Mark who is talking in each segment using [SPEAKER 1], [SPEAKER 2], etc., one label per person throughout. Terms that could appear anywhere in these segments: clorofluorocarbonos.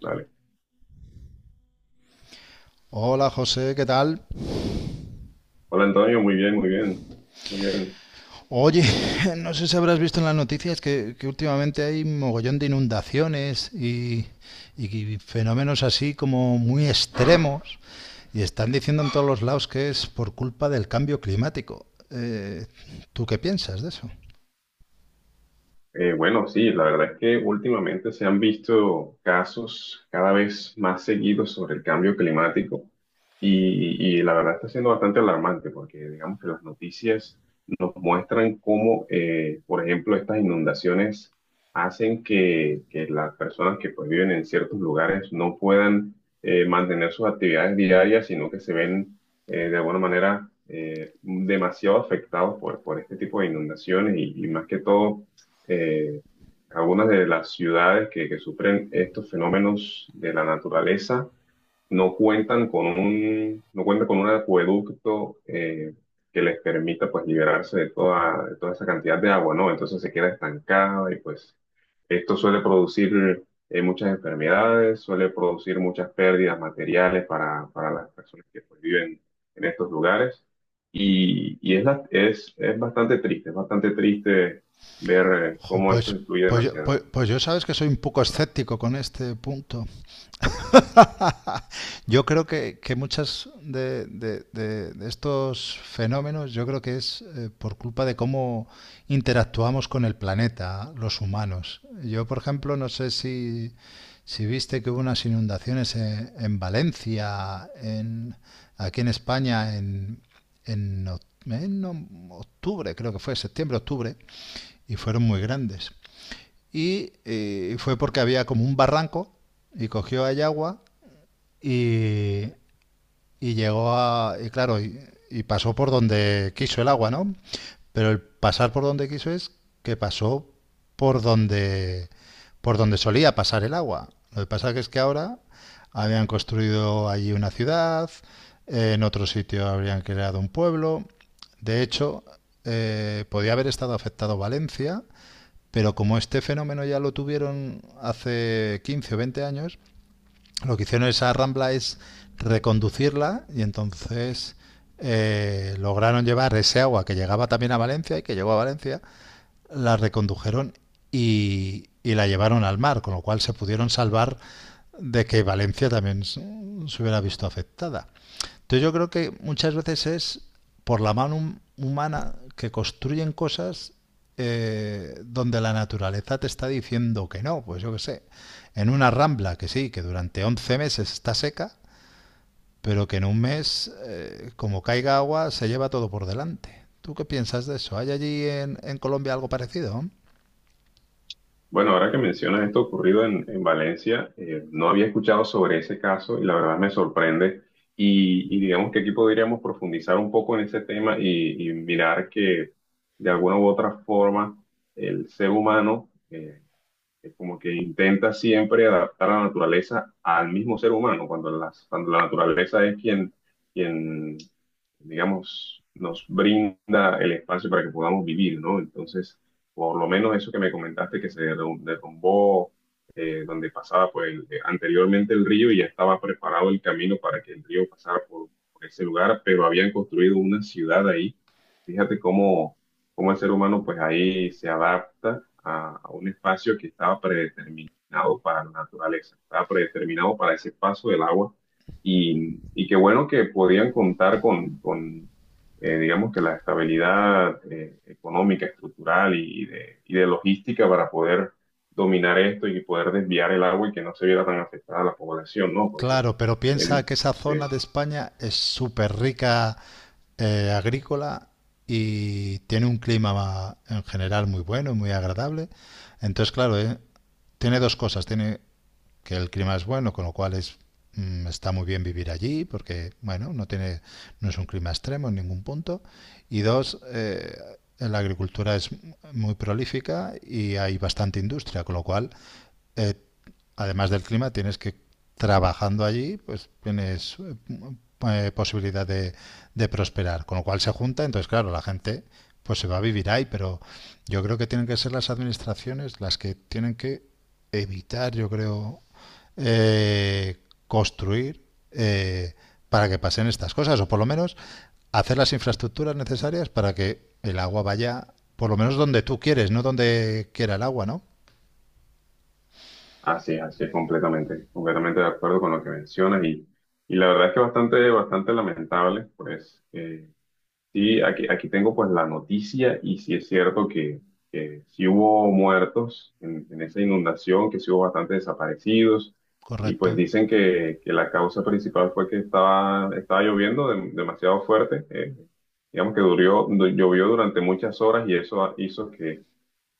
[SPEAKER 1] Dale.
[SPEAKER 2] Hola José, ¿qué tal?
[SPEAKER 1] Hola Antonio, muy bien, muy bien, muy bien.
[SPEAKER 2] Oye, no sé si habrás visto en las noticias que últimamente hay mogollón de inundaciones y fenómenos así como muy extremos y están diciendo en todos los lados que es por culpa del cambio climático. ¿Tú qué piensas de eso?
[SPEAKER 1] Bueno, sí, la verdad es que últimamente se han visto casos cada vez más seguidos sobre el cambio climático y la verdad está siendo bastante alarmante porque digamos que las noticias nos muestran cómo, por ejemplo, estas inundaciones hacen que las personas que pues, viven en ciertos lugares no puedan mantener sus actividades diarias, sino que se ven de alguna manera demasiado afectados por este tipo de inundaciones y más que todo eh, algunas de las ciudades que sufren estos fenómenos de la naturaleza no cuentan con un acueducto que les permita pues liberarse de toda esa cantidad de agua, ¿no? Entonces se queda estancada y pues esto suele producir muchas enfermedades, suele producir muchas pérdidas materiales para las personas que pues, viven en estos lugares. Es bastante triste, es bastante triste ver
[SPEAKER 2] Jo,
[SPEAKER 1] cómo esto influye
[SPEAKER 2] pues,
[SPEAKER 1] demasiado.
[SPEAKER 2] pues yo sabes que soy un poco escéptico con este punto. Yo creo que muchas de estos fenómenos, yo creo que es por culpa de cómo interactuamos con el planeta, los humanos. Yo, por ejemplo, no sé si viste que hubo unas inundaciones en Valencia, en, aquí en España, en octubre, creo que fue, septiembre, octubre, y fueron muy grandes. Fue porque había como un barranco y cogió ahí agua y, y llegó a... Y claro, y pasó por donde quiso el agua, ¿no? Pero el pasar por donde quiso es que pasó por donde, por donde solía pasar el agua. Lo que pasa que es que ahora habían construido allí una ciudad, en otro sitio habrían creado un pueblo. De hecho, podía haber estado afectado Valencia, pero como este fenómeno ya lo tuvieron hace 15 o 20 años, lo que hicieron esa rambla es reconducirla y entonces lograron llevar ese agua que llegaba también a Valencia y que llegó a Valencia, la recondujeron y la llevaron al mar, con lo cual se pudieron salvar de que Valencia también se hubiera visto afectada. Entonces yo creo que muchas veces es por la mano humana que construyen cosas donde la naturaleza te está diciendo que no, pues yo qué sé, en una rambla que sí, que durante 11 meses está seca, pero que en un mes, como caiga agua, se lleva todo por delante. ¿Tú qué piensas de eso? ¿Hay allí en Colombia algo parecido?
[SPEAKER 1] Bueno, ahora que mencionas esto ocurrido en Valencia, no había escuchado sobre ese caso y la verdad me sorprende. Y digamos que aquí podríamos profundizar un poco en ese tema y mirar que de alguna u otra forma el ser humano, es como que intenta siempre adaptar a la naturaleza al mismo ser humano, cuando la naturaleza es quien, digamos, nos brinda el espacio para que podamos vivir, ¿no? Entonces, por lo menos eso que me comentaste que se derrumbó, donde pasaba pues, anteriormente el río y ya estaba preparado el camino para que el río pasara por ese lugar, pero habían construido una ciudad ahí. Fíjate cómo el ser humano pues ahí se adapta a un espacio que estaba predeterminado para la naturaleza, estaba predeterminado para ese paso del agua y qué bueno que podían contar con, digamos que la estabilidad económica, estructural y de logística para poder dominar esto y poder desviar el agua y que no se viera tan afectada a la población, ¿no? Porque
[SPEAKER 2] Claro, pero
[SPEAKER 1] eh,
[SPEAKER 2] piensa que esa zona de España es súper rica agrícola y tiene un clima en general muy bueno y muy agradable. Entonces, claro, tiene dos cosas. Tiene que el clima es bueno, con lo cual es, está muy bien vivir allí porque, bueno, no, tiene, no es un clima extremo en ningún punto. Y dos, la agricultura es muy prolífica y hay bastante industria, con lo cual eh, además del clima, tienes que, trabajando allí, pues tienes posibilidad de prosperar. Con lo cual se junta, entonces claro, la gente pues se va a vivir ahí, pero yo creo que tienen que ser las administraciones las que tienen que evitar, yo creo, eh, construir eh, para que pasen estas cosas, o por lo menos hacer las infraestructuras necesarias para que el agua vaya, por lo menos donde tú quieres, no donde quiera el agua, ¿no?
[SPEAKER 1] así es, así es, completamente, completamente de acuerdo con lo que mencionas y la verdad es que bastante, bastante lamentable, pues sí, aquí, aquí tengo pues la noticia y sí es cierto que sí hubo muertos en esa inundación, que sí hubo bastantes desaparecidos y pues
[SPEAKER 2] Correcto.
[SPEAKER 1] dicen que la causa principal fue que estaba, estaba lloviendo demasiado fuerte, digamos que llovió durante muchas horas y eso hizo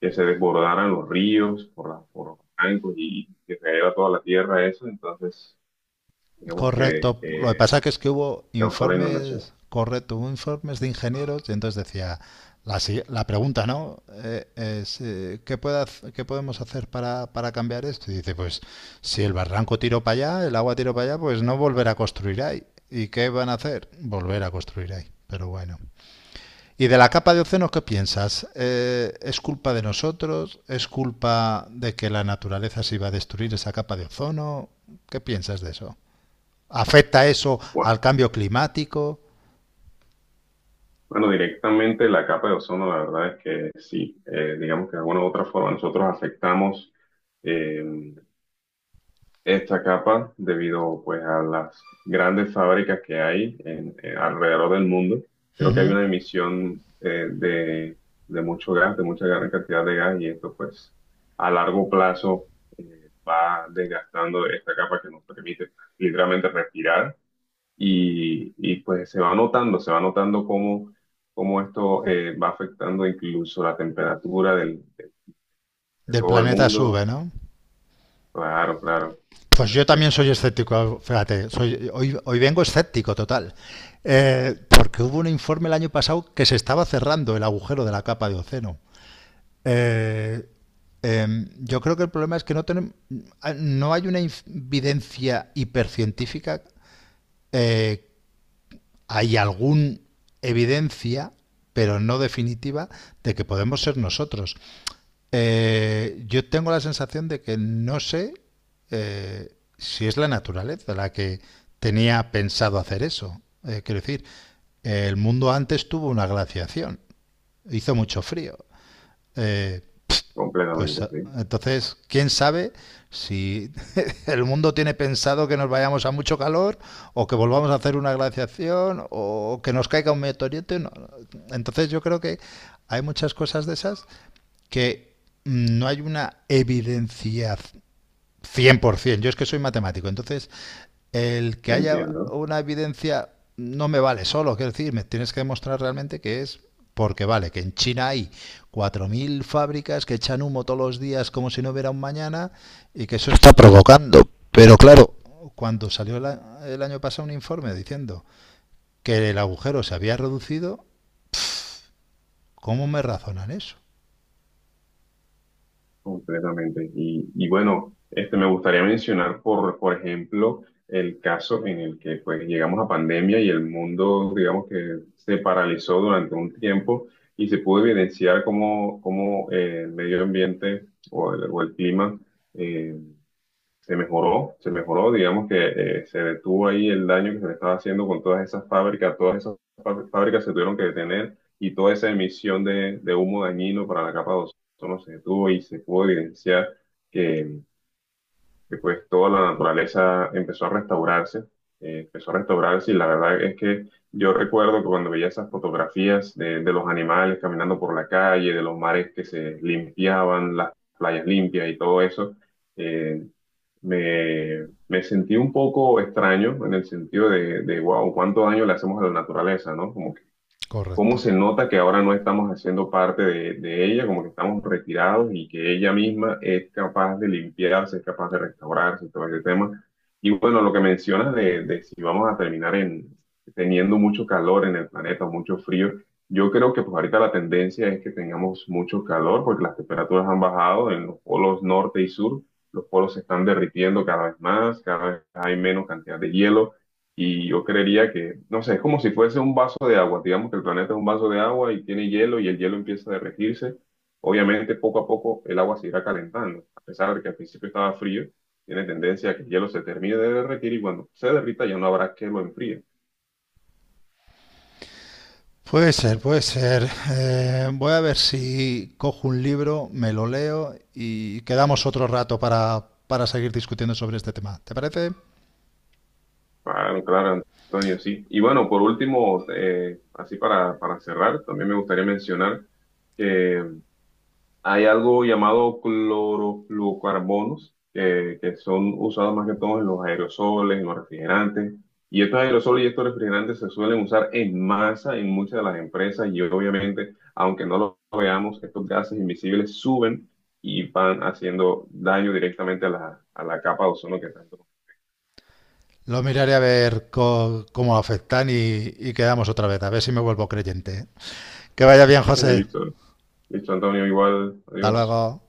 [SPEAKER 1] que se desbordaran los ríos por los bancos y que cayera toda la tierra, eso, entonces digamos que
[SPEAKER 2] Correcto. Lo que pasa que es que hubo
[SPEAKER 1] causó la inundación.
[SPEAKER 2] informes, correcto, hubo informes de ingenieros y entonces decía, la, la pregunta, ¿no? ¿Qué puede qué podemos hacer para cambiar esto? Y dice, pues si el barranco tiró para allá, el agua tiró para allá, pues no volver a construir ahí. ¿Y qué van a hacer? Volver a construir ahí. Pero bueno. ¿Y de la capa de ozono qué piensas? ¿Es culpa de nosotros? ¿Es culpa de que la naturaleza se iba a destruir esa capa de ozono? ¿Qué piensas de eso? ¿Afecta eso
[SPEAKER 1] Bueno,
[SPEAKER 2] al cambio climático?
[SPEAKER 1] bueno, directamente la capa de ozono, la verdad es que sí, digamos que de alguna u otra forma nosotros afectamos. eh, Esta capa debido pues a las grandes fábricas que hay en alrededor del mundo.
[SPEAKER 2] Uh
[SPEAKER 1] Creo que hay
[SPEAKER 2] -huh.
[SPEAKER 1] una emisión de mucho gas, de mucha gran cantidad de gas y esto pues a largo plazo va desgastando esta capa que nos permite literalmente respirar pues se va notando cómo esto va afectando incluso la temperatura de
[SPEAKER 2] Del
[SPEAKER 1] todo el
[SPEAKER 2] planeta
[SPEAKER 1] mundo.
[SPEAKER 2] sube, ¿no?
[SPEAKER 1] Claro, claro,
[SPEAKER 2] Pues yo
[SPEAKER 1] así
[SPEAKER 2] también
[SPEAKER 1] es,
[SPEAKER 2] soy escéptico, fíjate, hoy, hoy vengo escéptico total, porque hubo un informe el año pasado que se estaba cerrando el agujero de la capa de océano. Eh, eh, yo creo que el problema es que tenemos, no hay una evidencia hipercientífica, eh, hay alguna evidencia, pero no definitiva, de que podemos ser nosotros. Yo tengo la sensación de que no sé si es la naturaleza la que tenía pensado hacer eso. Quiero decir, el mundo antes tuvo una glaciación, hizo mucho frío. Eh, pues
[SPEAKER 1] completamente.
[SPEAKER 2] eh,
[SPEAKER 1] Sí.
[SPEAKER 2] entonces, ¿quién sabe si el mundo tiene pensado que nos vayamos a mucho calor o que volvamos a hacer una glaciación o que nos caiga un meteorito? No. No. Entonces yo creo que hay muchas cosas de esas que no hay una evidencia 100%. Yo es que soy matemático. Entonces, el que haya
[SPEAKER 1] Entiendo
[SPEAKER 2] una evidencia no me vale solo. Quiero decir, me tienes que demostrar realmente que es porque vale, que en China hay 4.000 fábricas que echan humo todos los días como si no hubiera un mañana y que eso está provocando. Pero claro, cuando salió el año pasado un informe diciendo que el agujero se había reducido, ¿cómo me razonan eso?
[SPEAKER 1] completamente. Y bueno, este, me gustaría mencionar, por ejemplo, el caso en el que pues llegamos a pandemia y el mundo, digamos que se paralizó durante un tiempo y se pudo evidenciar cómo el medio ambiente o el clima eh, se mejoró, digamos que se detuvo ahí el daño que se le estaba haciendo con todas esas fábricas, fábricas se tuvieron que detener y toda esa emisión de humo dañino para la capa de ozono se detuvo y se pudo evidenciar que, que, pues toda la naturaleza empezó a restaurarse, empezó a restaurarse y la verdad es que yo recuerdo que cuando veía esas fotografías de los animales caminando por la calle, de los mares que se limpiaban, las playas limpias y todo eso, eh, me sentí un poco extraño en el sentido de, wow, cuánto daño le hacemos a la naturaleza, ¿no? Como cómo
[SPEAKER 2] Correcto.
[SPEAKER 1] se nota que ahora no estamos haciendo parte de ella, como que estamos retirados y que ella misma es capaz de limpiarse, es capaz de restaurarse, todo ese tema. Y bueno, lo que mencionas de si vamos a terminar en, teniendo mucho calor en el planeta, mucho frío, yo creo que pues ahorita la tendencia es que tengamos mucho calor porque las temperaturas han bajado en los polos norte y sur, los polos se están derritiendo cada vez más, cada vez hay menos cantidad de hielo. Y yo creería que, no sé, es como si fuese un vaso de agua. Digamos que el planeta es un vaso de agua y tiene hielo y el hielo empieza a derretirse. Obviamente, poco a poco el agua se irá calentando. A pesar de que al principio estaba frío, tiene tendencia a que el hielo se termine de derretir y cuando se derrita ya no habrá que lo enfríe.
[SPEAKER 2] Puede ser, puede ser. Voy a ver si cojo un libro, me lo leo y quedamos otro rato para seguir discutiendo sobre este tema. ¿Te parece?
[SPEAKER 1] Claro, claro, Antonio, sí. Y bueno, por último, así para cerrar, también me gustaría mencionar que hay algo llamado clorofluorocarbonos que son usados más que todo en los aerosoles, en los refrigerantes. Y estos aerosoles y estos refrigerantes se suelen usar en masa en muchas de las empresas y obviamente, aunque no lo veamos, estos gases invisibles suben y van haciendo daño directamente a a la capa de ozono que tanto.
[SPEAKER 2] Lo miraré a ver cómo afectan y quedamos otra vez, a ver si me vuelvo creyente. Que vaya bien, José.
[SPEAKER 1] Listo, listo, Antonio, igual,
[SPEAKER 2] Hasta
[SPEAKER 1] adiós.
[SPEAKER 2] luego.